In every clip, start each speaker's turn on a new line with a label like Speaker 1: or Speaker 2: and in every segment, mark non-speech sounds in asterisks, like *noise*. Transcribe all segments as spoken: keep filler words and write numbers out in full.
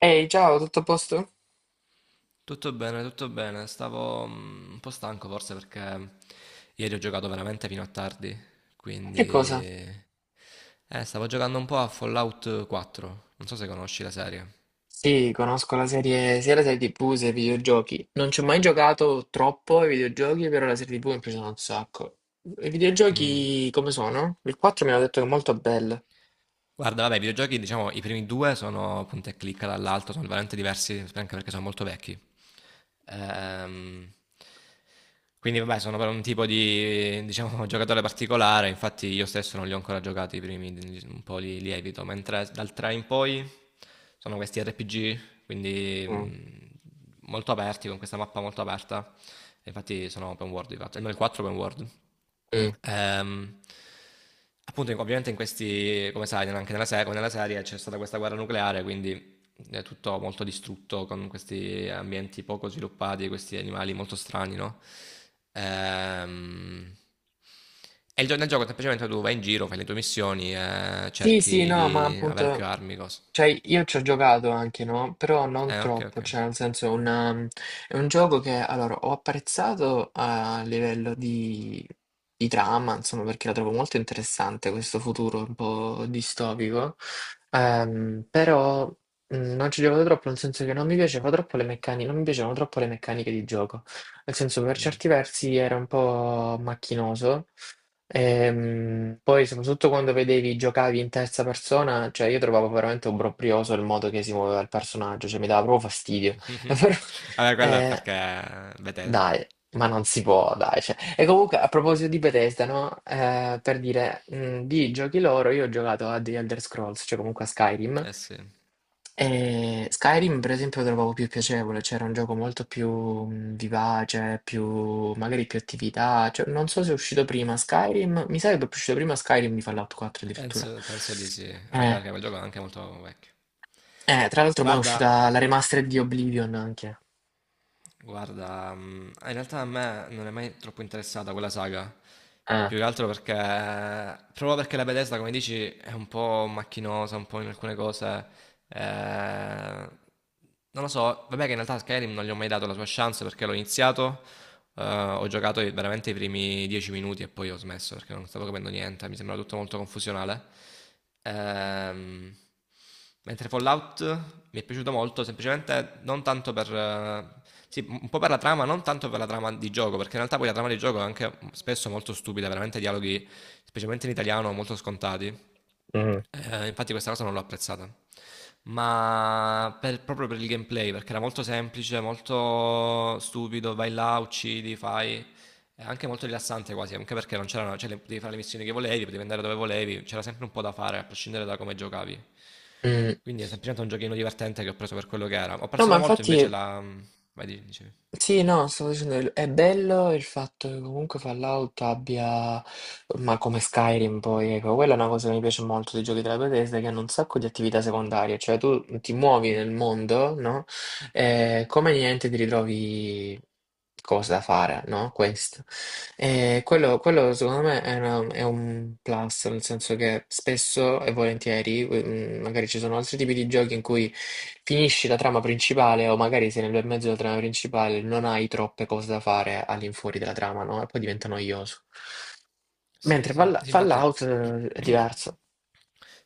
Speaker 1: Ehi, ciao, tutto a posto?
Speaker 2: Tutto bene, tutto bene. Stavo mm, un po' stanco forse perché ieri ho giocato veramente fino a tardi,
Speaker 1: Che cosa?
Speaker 2: quindi eh, stavo giocando un po' a Fallout quattro. Non so se conosci la serie.
Speaker 1: Sì, conosco la serie, sia la serie ti vu che i videogiochi. Non ci ho mai giocato troppo ai videogiochi, però la serie ti vu mi è piaciuta un sacco. I
Speaker 2: Mm.
Speaker 1: videogiochi come sono? Il quattro mi hanno detto che è molto bello.
Speaker 2: Guarda, vabbè, i videogiochi, diciamo, i primi due sono punta e clicca dall'alto, sono veramente diversi, anche perché sono molto vecchi. Ehm, quindi, vabbè, sono per un tipo di, diciamo, *laughs* giocatore particolare. Infatti io stesso non li ho ancora giocati i primi, un po' li, li evito, mentre dal tre in poi sono questi R P G, quindi
Speaker 1: Mm.
Speaker 2: mh, molto aperti, con questa mappa molto aperta. Infatti sono open world di fatto, almeno il quattro open world.
Speaker 1: Mm.
Speaker 2: Ehm, Appunto, in- ovviamente in questi, come sai, anche nella, se- come nella serie c'è stata questa guerra nucleare, quindi è tutto molto distrutto, con questi ambienti poco sviluppati, questi animali molto strani, no? Ehm, e il gio- nel gioco semplicemente tu vai in giro, fai le tue missioni e
Speaker 1: Sì, sì,
Speaker 2: cerchi
Speaker 1: no, ma
Speaker 2: di avere più
Speaker 1: appunto,
Speaker 2: armi, cose.
Speaker 1: cioè io ci ho giocato anche, no? Però non
Speaker 2: Eh, ok, ok.
Speaker 1: troppo, cioè nel senso è una- è un gioco che allora ho apprezzato a livello di, di trama, insomma, perché la trovo molto interessante questo futuro un po' distopico. Ehm, però mh, non ci ho giocato troppo, nel senso che non mi piaceva troppo le meccaniche, non mi piacevano troppo le meccaniche di gioco, nel senso per
Speaker 2: Mm.
Speaker 1: certi versi era un po' macchinoso. Ehm, poi soprattutto quando vedevi giocavi in terza persona, cioè io trovavo veramente obbrobrioso il modo che si muoveva il personaggio, cioè mi dava proprio fastidio.
Speaker 2: *laughs*
Speaker 1: *laughs* Però,
Speaker 2: Vabbè, quello è
Speaker 1: eh,
Speaker 2: perché Bethesda.
Speaker 1: dai, ma non si può, dai, cioè, e comunque a proposito di Bethesda, no? Eh, per dire, mh, di giochi loro, io ho giocato a The Elder Scrolls, cioè comunque a Skyrim.
Speaker 2: Eh sì,
Speaker 1: E Skyrim, per esempio, lo trovavo più piacevole, c'era un gioco molto più mh, vivace, più, magari più attività. Cioè, non so se è uscito prima Skyrim, mi sa che è uscito prima Skyrim di Fallout quattro addirittura.
Speaker 2: penso, penso di sì, anche
Speaker 1: Eh,
Speaker 2: perché quel gioco è anche molto vecchio.
Speaker 1: eh, Tra l'altro, mo' è
Speaker 2: Guarda,
Speaker 1: uscita la remastered di Oblivion anche.
Speaker 2: Guarda, mm, in realtà a me non è mai troppo interessata quella saga,
Speaker 1: Eh,
Speaker 2: più che altro perché, proprio perché la Bethesda, come dici, è un po' macchinosa, un po' in alcune cose. eh, Non lo so, vabbè, che in realtà Skyrim non gli ho mai dato la sua chance, perché l'ho iniziato, eh, ho giocato i- veramente i primi dieci minuti e poi ho smesso perché non stavo capendo niente, mi sembrava tutto molto confusionale. Ehm, Mentre Fallout mi è piaciuto molto, semplicemente non tanto per... eh, Sì, un po' per la trama, non tanto per la trama di gioco, perché in realtà poi la trama di gioco è anche spesso molto stupida, veramente dialoghi, specialmente in italiano, molto scontati.
Speaker 1: mm.
Speaker 2: Eh, infatti questa cosa non l'ho apprezzata. Ma per- proprio per il gameplay, perché era molto semplice, molto stupido, vai là, uccidi, fai... È anche molto rilassante quasi, anche perché non c'erano, cioè, le- potevi fare le missioni che volevi, potevi andare dove volevi, c'era sempre un po' da fare, a prescindere da come giocavi.
Speaker 1: Mm.
Speaker 2: Quindi è semplicemente un giochino divertente che ho preso per quello che era. Ho
Speaker 1: No, ma
Speaker 2: apprezzato molto
Speaker 1: infatti.
Speaker 2: invece la... mm, Vai, di- dicevi.
Speaker 1: Sì, no, stavo dicendo, il- è bello il fatto che comunque Fallout abbia, ma come Skyrim poi, ecco, quella è una cosa che mi piace molto dei giochi della Bethesda, che hanno un sacco di attività secondarie, cioè tu ti muovi nel
Speaker 2: Mm.
Speaker 1: mondo, no? E come niente ti ritrovi cose da fare, no? Questo. E quello, quello, secondo me è, una- è un plus, nel senso che spesso e volentieri, mm, magari ci sono altri tipi di giochi in cui finisci la trama principale o magari sei nel bel mezzo della trama principale, non hai troppe cose da fare all'infuori della trama, no? E poi diventa noioso.
Speaker 2: Sì,
Speaker 1: Mentre
Speaker 2: sì,
Speaker 1: Fall-
Speaker 2: sì, infatti...
Speaker 1: Fallout eh, è
Speaker 2: *clears throat*
Speaker 1: diverso.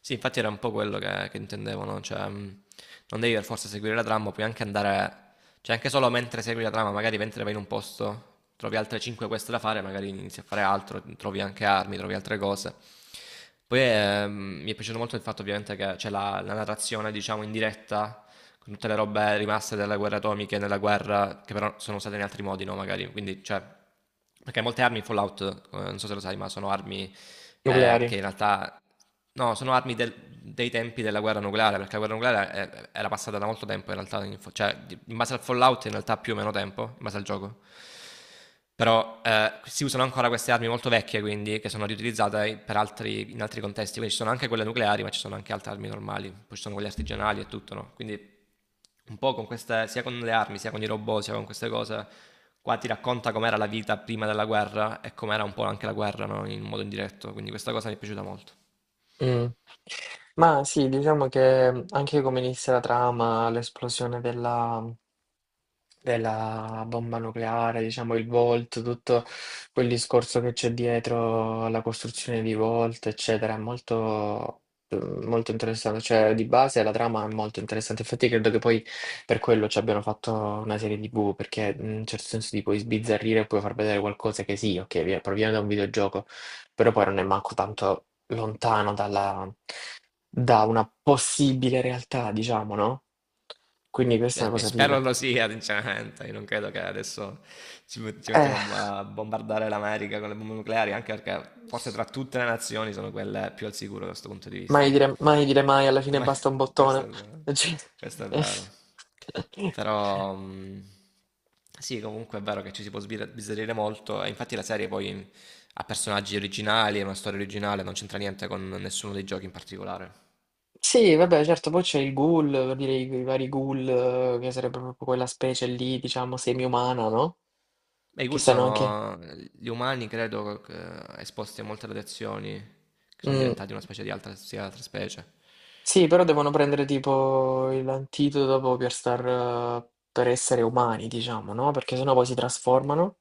Speaker 2: Sì, infatti era un po' quello che, che intendevo, no? Cioè, mh, non devi per forza seguire la trama, puoi anche andare, cioè anche solo mentre segui la trama, magari mentre vai in un posto, trovi altre cinque quest da fare, magari inizi a fare altro, trovi anche armi, trovi altre cose. Poi ehm, mi è piaciuto molto il fatto ovviamente che c'è la, la narrazione, diciamo, in diretta, con tutte le robe rimaste delle guerre atomiche, nella guerra, che però sono usate in altri modi, no? Magari, quindi, cioè, perché molte armi in Fallout, eh, non so se lo sai, ma sono armi eh,
Speaker 1: Nucleari.
Speaker 2: che in realtà no, sono armi del- dei tempi della guerra nucleare, perché la guerra nucleare eh, era passata da molto tempo in realtà, in fo- cioè di- in base al Fallout in realtà più o meno tempo, in base al gioco. Però eh, si usano ancora queste armi molto vecchie, quindi, che sono riutilizzate per altri- in altri contesti. Quindi ci sono anche quelle nucleari, ma ci sono anche altre armi normali, poi ci sono quelle artigianali e tutto, no? Quindi un po' con queste, sia con le armi, sia con i robot, sia con queste cose, qua ti racconta com'era la vita prima della guerra e com'era un po' anche la guerra, no, in modo indiretto. Quindi questa cosa mi è piaciuta molto.
Speaker 1: Mm. Ma sì, diciamo che anche come inizia la trama, l'esplosione della della bomba nucleare, diciamo il Volt, tutto quel discorso che c'è dietro alla costruzione di Volt, eccetera, è molto, eh, molto interessante. Cioè, di base la trama è molto interessante. Infatti, credo che poi per quello ci abbiano fatto una serie ti vu, perché in un certo senso ti puoi sbizzarrire e puoi far vedere qualcosa che sì, ok, vi- proviene da un videogioco, però poi non è manco tanto lontano dalla, da una possibile realtà, diciamo, no? Quindi questa è
Speaker 2: Eh,
Speaker 1: una
Speaker 2: E
Speaker 1: cosa
Speaker 2: spero
Speaker 1: figa.
Speaker 2: lo sia, sinceramente. Io non credo che adesso ci, met- ci
Speaker 1: Eh.
Speaker 2: mettiamo a bombardare l'America con le bombe nucleari, anche perché forse tra tutte le nazioni sono quelle più al sicuro da questo punto di
Speaker 1: Mai
Speaker 2: vista.
Speaker 1: dire mai, dire mai, alla fine
Speaker 2: Ma
Speaker 1: basta un
Speaker 2: *laughs* questo
Speaker 1: bottone.
Speaker 2: è vero.
Speaker 1: *laughs* Cioè,
Speaker 2: Questo è vero.
Speaker 1: eh.
Speaker 2: Però mh, sì, comunque è vero che ci si può sbir- sbizzarrire molto, e infatti la serie poi ha personaggi originali, è una storia originale, non c'entra niente con nessuno dei giochi in particolare.
Speaker 1: Sì, vabbè, certo, poi c'è il ghoul, per dire i, i vari ghoul, eh, che sarebbe proprio quella specie lì, diciamo, semi-umana, no?
Speaker 2: Beh, i
Speaker 1: Che
Speaker 2: ghoul
Speaker 1: stanno anche...
Speaker 2: sono gli umani, credo, che- esposti a molte radiazioni, che sono
Speaker 1: Mm.
Speaker 2: diventati una specie di altra, sia altra specie.
Speaker 1: Sì, però devono prendere tipo l'antidoto dopo per star, eh, per essere umani, diciamo, no? Perché sennò poi si trasformano.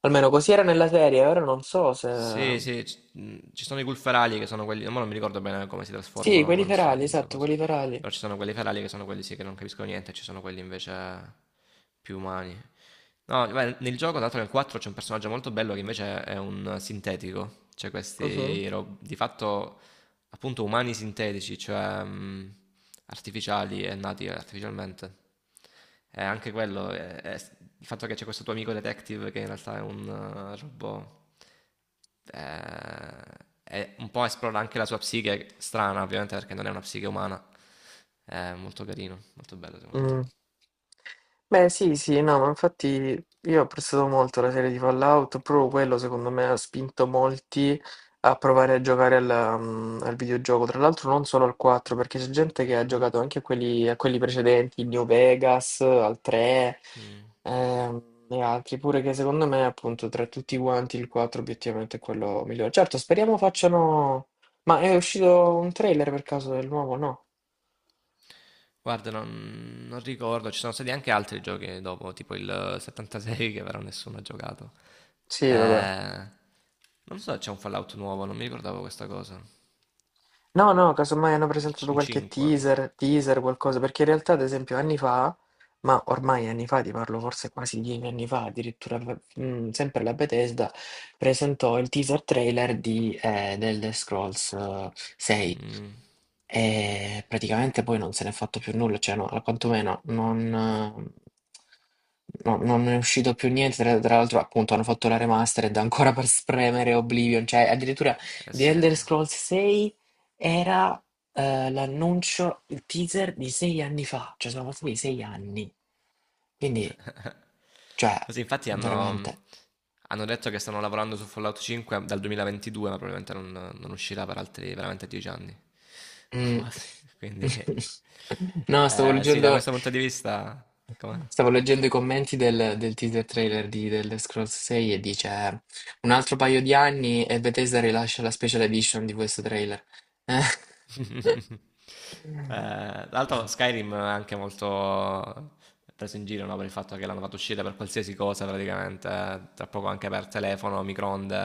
Speaker 1: Almeno così era nella serie, ora non so se...
Speaker 2: Sì, sì, c- mh, ci sono i ghoul ferali che sono quelli, ma non mi ricordo bene come si
Speaker 1: Sì,
Speaker 2: trasformano, come
Speaker 1: quelli
Speaker 2: non si-
Speaker 1: ferali,
Speaker 2: le
Speaker 1: esatto,
Speaker 2: cose.
Speaker 1: quelli ferali.
Speaker 2: Però ci sono quelli ferali, che sono quelli sì, che non capiscono niente, e ci sono quelli invece più umani. No, beh, nel gioco, tra l'altro nel quattro c'è un personaggio molto bello che invece è un sintetico, cioè
Speaker 1: Mhm.
Speaker 2: questi ro- di fatto appunto umani sintetici, cioè mh, artificiali e nati artificialmente. E anche quello, è- è- il fatto che c'è questo tuo amico detective che in realtà è un eh, robot, eh, è un po' esplora anche la sua psiche, strana ovviamente perché non è una psiche umana. È molto carino, molto bello secondo
Speaker 1: Mm. Beh, sì, sì, no, ma infatti io ho apprezzato molto la serie di Fallout, proprio quello secondo me ha spinto molti a provare a giocare al, mm, al videogioco, tra l'altro non solo al quattro, perché c'è gente che ha giocato anche a quelli, a quelli precedenti, il New Vegas, al tre,
Speaker 2: me. Mm.
Speaker 1: ehm, e altri, pure che secondo me appunto tra tutti quanti il quattro obiettivamente è quello migliore. Certo, speriamo facciano... Ma è uscito un trailer per caso del nuovo? No?
Speaker 2: Guarda, non, non ricordo, ci sono stati anche altri giochi dopo, tipo il settantasei, che però nessuno ha giocato.
Speaker 1: Sì, vabbè.
Speaker 2: Eh, non so, c'è un Fallout nuovo, non mi ricordavo questa cosa.
Speaker 1: No, no, casomai hanno
Speaker 2: Il, c-
Speaker 1: presentato
Speaker 2: un
Speaker 1: qualche
Speaker 2: cinque.
Speaker 1: teaser, teaser, qualcosa, perché in realtà, ad esempio, anni fa, ma ormai anni fa, ti parlo forse quasi dieci anni fa, addirittura, v- mm, sempre la Bethesda presentò il teaser trailer di, eh, The Elder Scrolls eh, sei,
Speaker 2: Mm,
Speaker 1: e praticamente poi non se n'è fatto più nulla, cioè, no, quantomeno non, eh, no- non è uscito più niente, tra, tra l'altro appunto hanno fatto la remastered ancora per spremere Oblivion, cioè addirittura...
Speaker 2: eh
Speaker 1: The
Speaker 2: sì,
Speaker 1: Elder
Speaker 2: sì.
Speaker 1: Scrolls sei era eh, l'annuncio, il teaser di sei anni fa, cioè sono passati sei anni. Quindi, cioè,
Speaker 2: Ma sì, infatti
Speaker 1: veramente.
Speaker 2: hanno, hanno detto che stanno lavorando su Fallout cinque dal duemilaventidue, ma probabilmente non, non uscirà per altri veramente dieci anni. *laughs* O
Speaker 1: mm.
Speaker 2: quasi. Quindi,
Speaker 1: *laughs* No, stavo
Speaker 2: eh, sì, da
Speaker 1: leggendo,
Speaker 2: questo punto di vista, com'è?
Speaker 1: stavo leggendo i commenti del, del teaser trailer di The Elder Scrolls sei e dice un altro paio di anni e Bethesda rilascia la special edition di questo trailer. Eh.
Speaker 2: Eh, tra
Speaker 1: *laughs*
Speaker 2: l'altro Skyrim è anche molto preso in giro, no, per il fatto che l'hanno fatto uscire per qualsiasi cosa praticamente, eh, tra poco anche per telefono, microonde,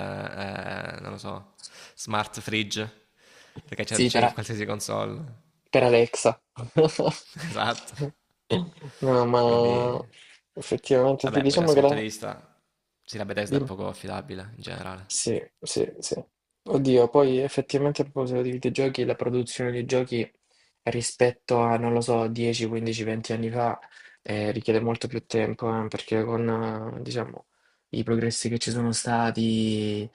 Speaker 2: eh, non lo so, smart fridge, perché c'è,
Speaker 1: Sì,
Speaker 2: c'è in
Speaker 1: però.
Speaker 2: qualsiasi console.
Speaker 1: Per Alexa. *laughs*
Speaker 2: *laughs* Esatto.
Speaker 1: No, ma
Speaker 2: Quindi,
Speaker 1: effettivamente ti
Speaker 2: vabbè, poi da
Speaker 1: diciamo
Speaker 2: questo
Speaker 1: che
Speaker 2: punto di
Speaker 1: la...
Speaker 2: vista, sì, la Bethesda è
Speaker 1: dimmi.
Speaker 2: poco affidabile in generale.
Speaker 1: Sì, sì, sì. Oddio, poi effettivamente a proposito di videogiochi, la produzione di giochi rispetto a, non lo so, dieci, quindici, venti anni fa, eh, richiede molto più tempo, eh, perché con, eh, diciamo, i progressi che ci sono stati,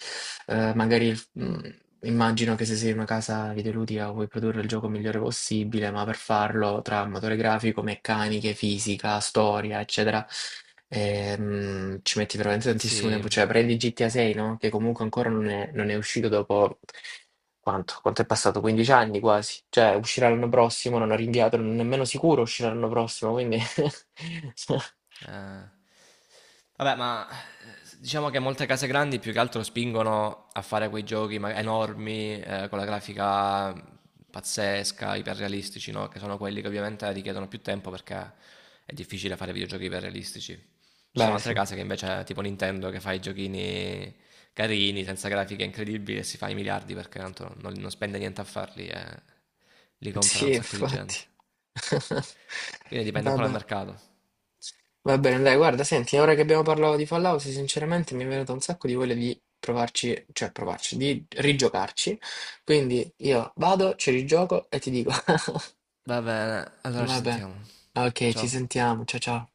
Speaker 1: eh, magari il- mm, immagino che se sei una casa videoludica vuoi produrre il gioco migliore possibile, ma per farlo tra motore grafico, meccaniche, fisica, storia, eccetera, ehm, ci metti veramente tantissimo
Speaker 2: Sì,
Speaker 1: tempo. Cioè, prendi gi ti a sei, no? Che comunque ancora non è, non è uscito dopo quanto? Quanto è passato? quindici anni quasi. Cioè, uscirà l'anno prossimo, non ho rinviato, non è nemmeno sicuro uscirà l'anno prossimo, quindi... *laughs*
Speaker 2: eh, vabbè, ma diciamo che molte case grandi più che altro spingono a fare quei giochi ma- enormi, eh, con la grafica pazzesca, iperrealistici, no? Che sono quelli che ovviamente richiedono più tempo, perché è difficile fare videogiochi iperrealistici. Ci sono
Speaker 1: Beh,
Speaker 2: altre
Speaker 1: sì.
Speaker 2: case che invece, tipo Nintendo, che fa i giochini carini, senza grafiche incredibili, e si fa i miliardi perché tanto non, non spende niente a farli, e li compra
Speaker 1: Sì,
Speaker 2: un sacco di gente.
Speaker 1: infatti. *laughs*
Speaker 2: Quindi dipende un po' dal
Speaker 1: Vabbè.
Speaker 2: mercato.
Speaker 1: Va bene, dai, guarda, senti, ora che abbiamo parlato di Fallout, sinceramente mi è venuto un sacco di voglia di provarci, cioè provarci, di rigiocarci. Quindi io vado, ci rigioco e ti dico.
Speaker 2: Va bene,
Speaker 1: *laughs*
Speaker 2: allora ci
Speaker 1: Vabbè.
Speaker 2: sentiamo.
Speaker 1: Ok, ci
Speaker 2: Ciao.
Speaker 1: sentiamo. Ciao ciao.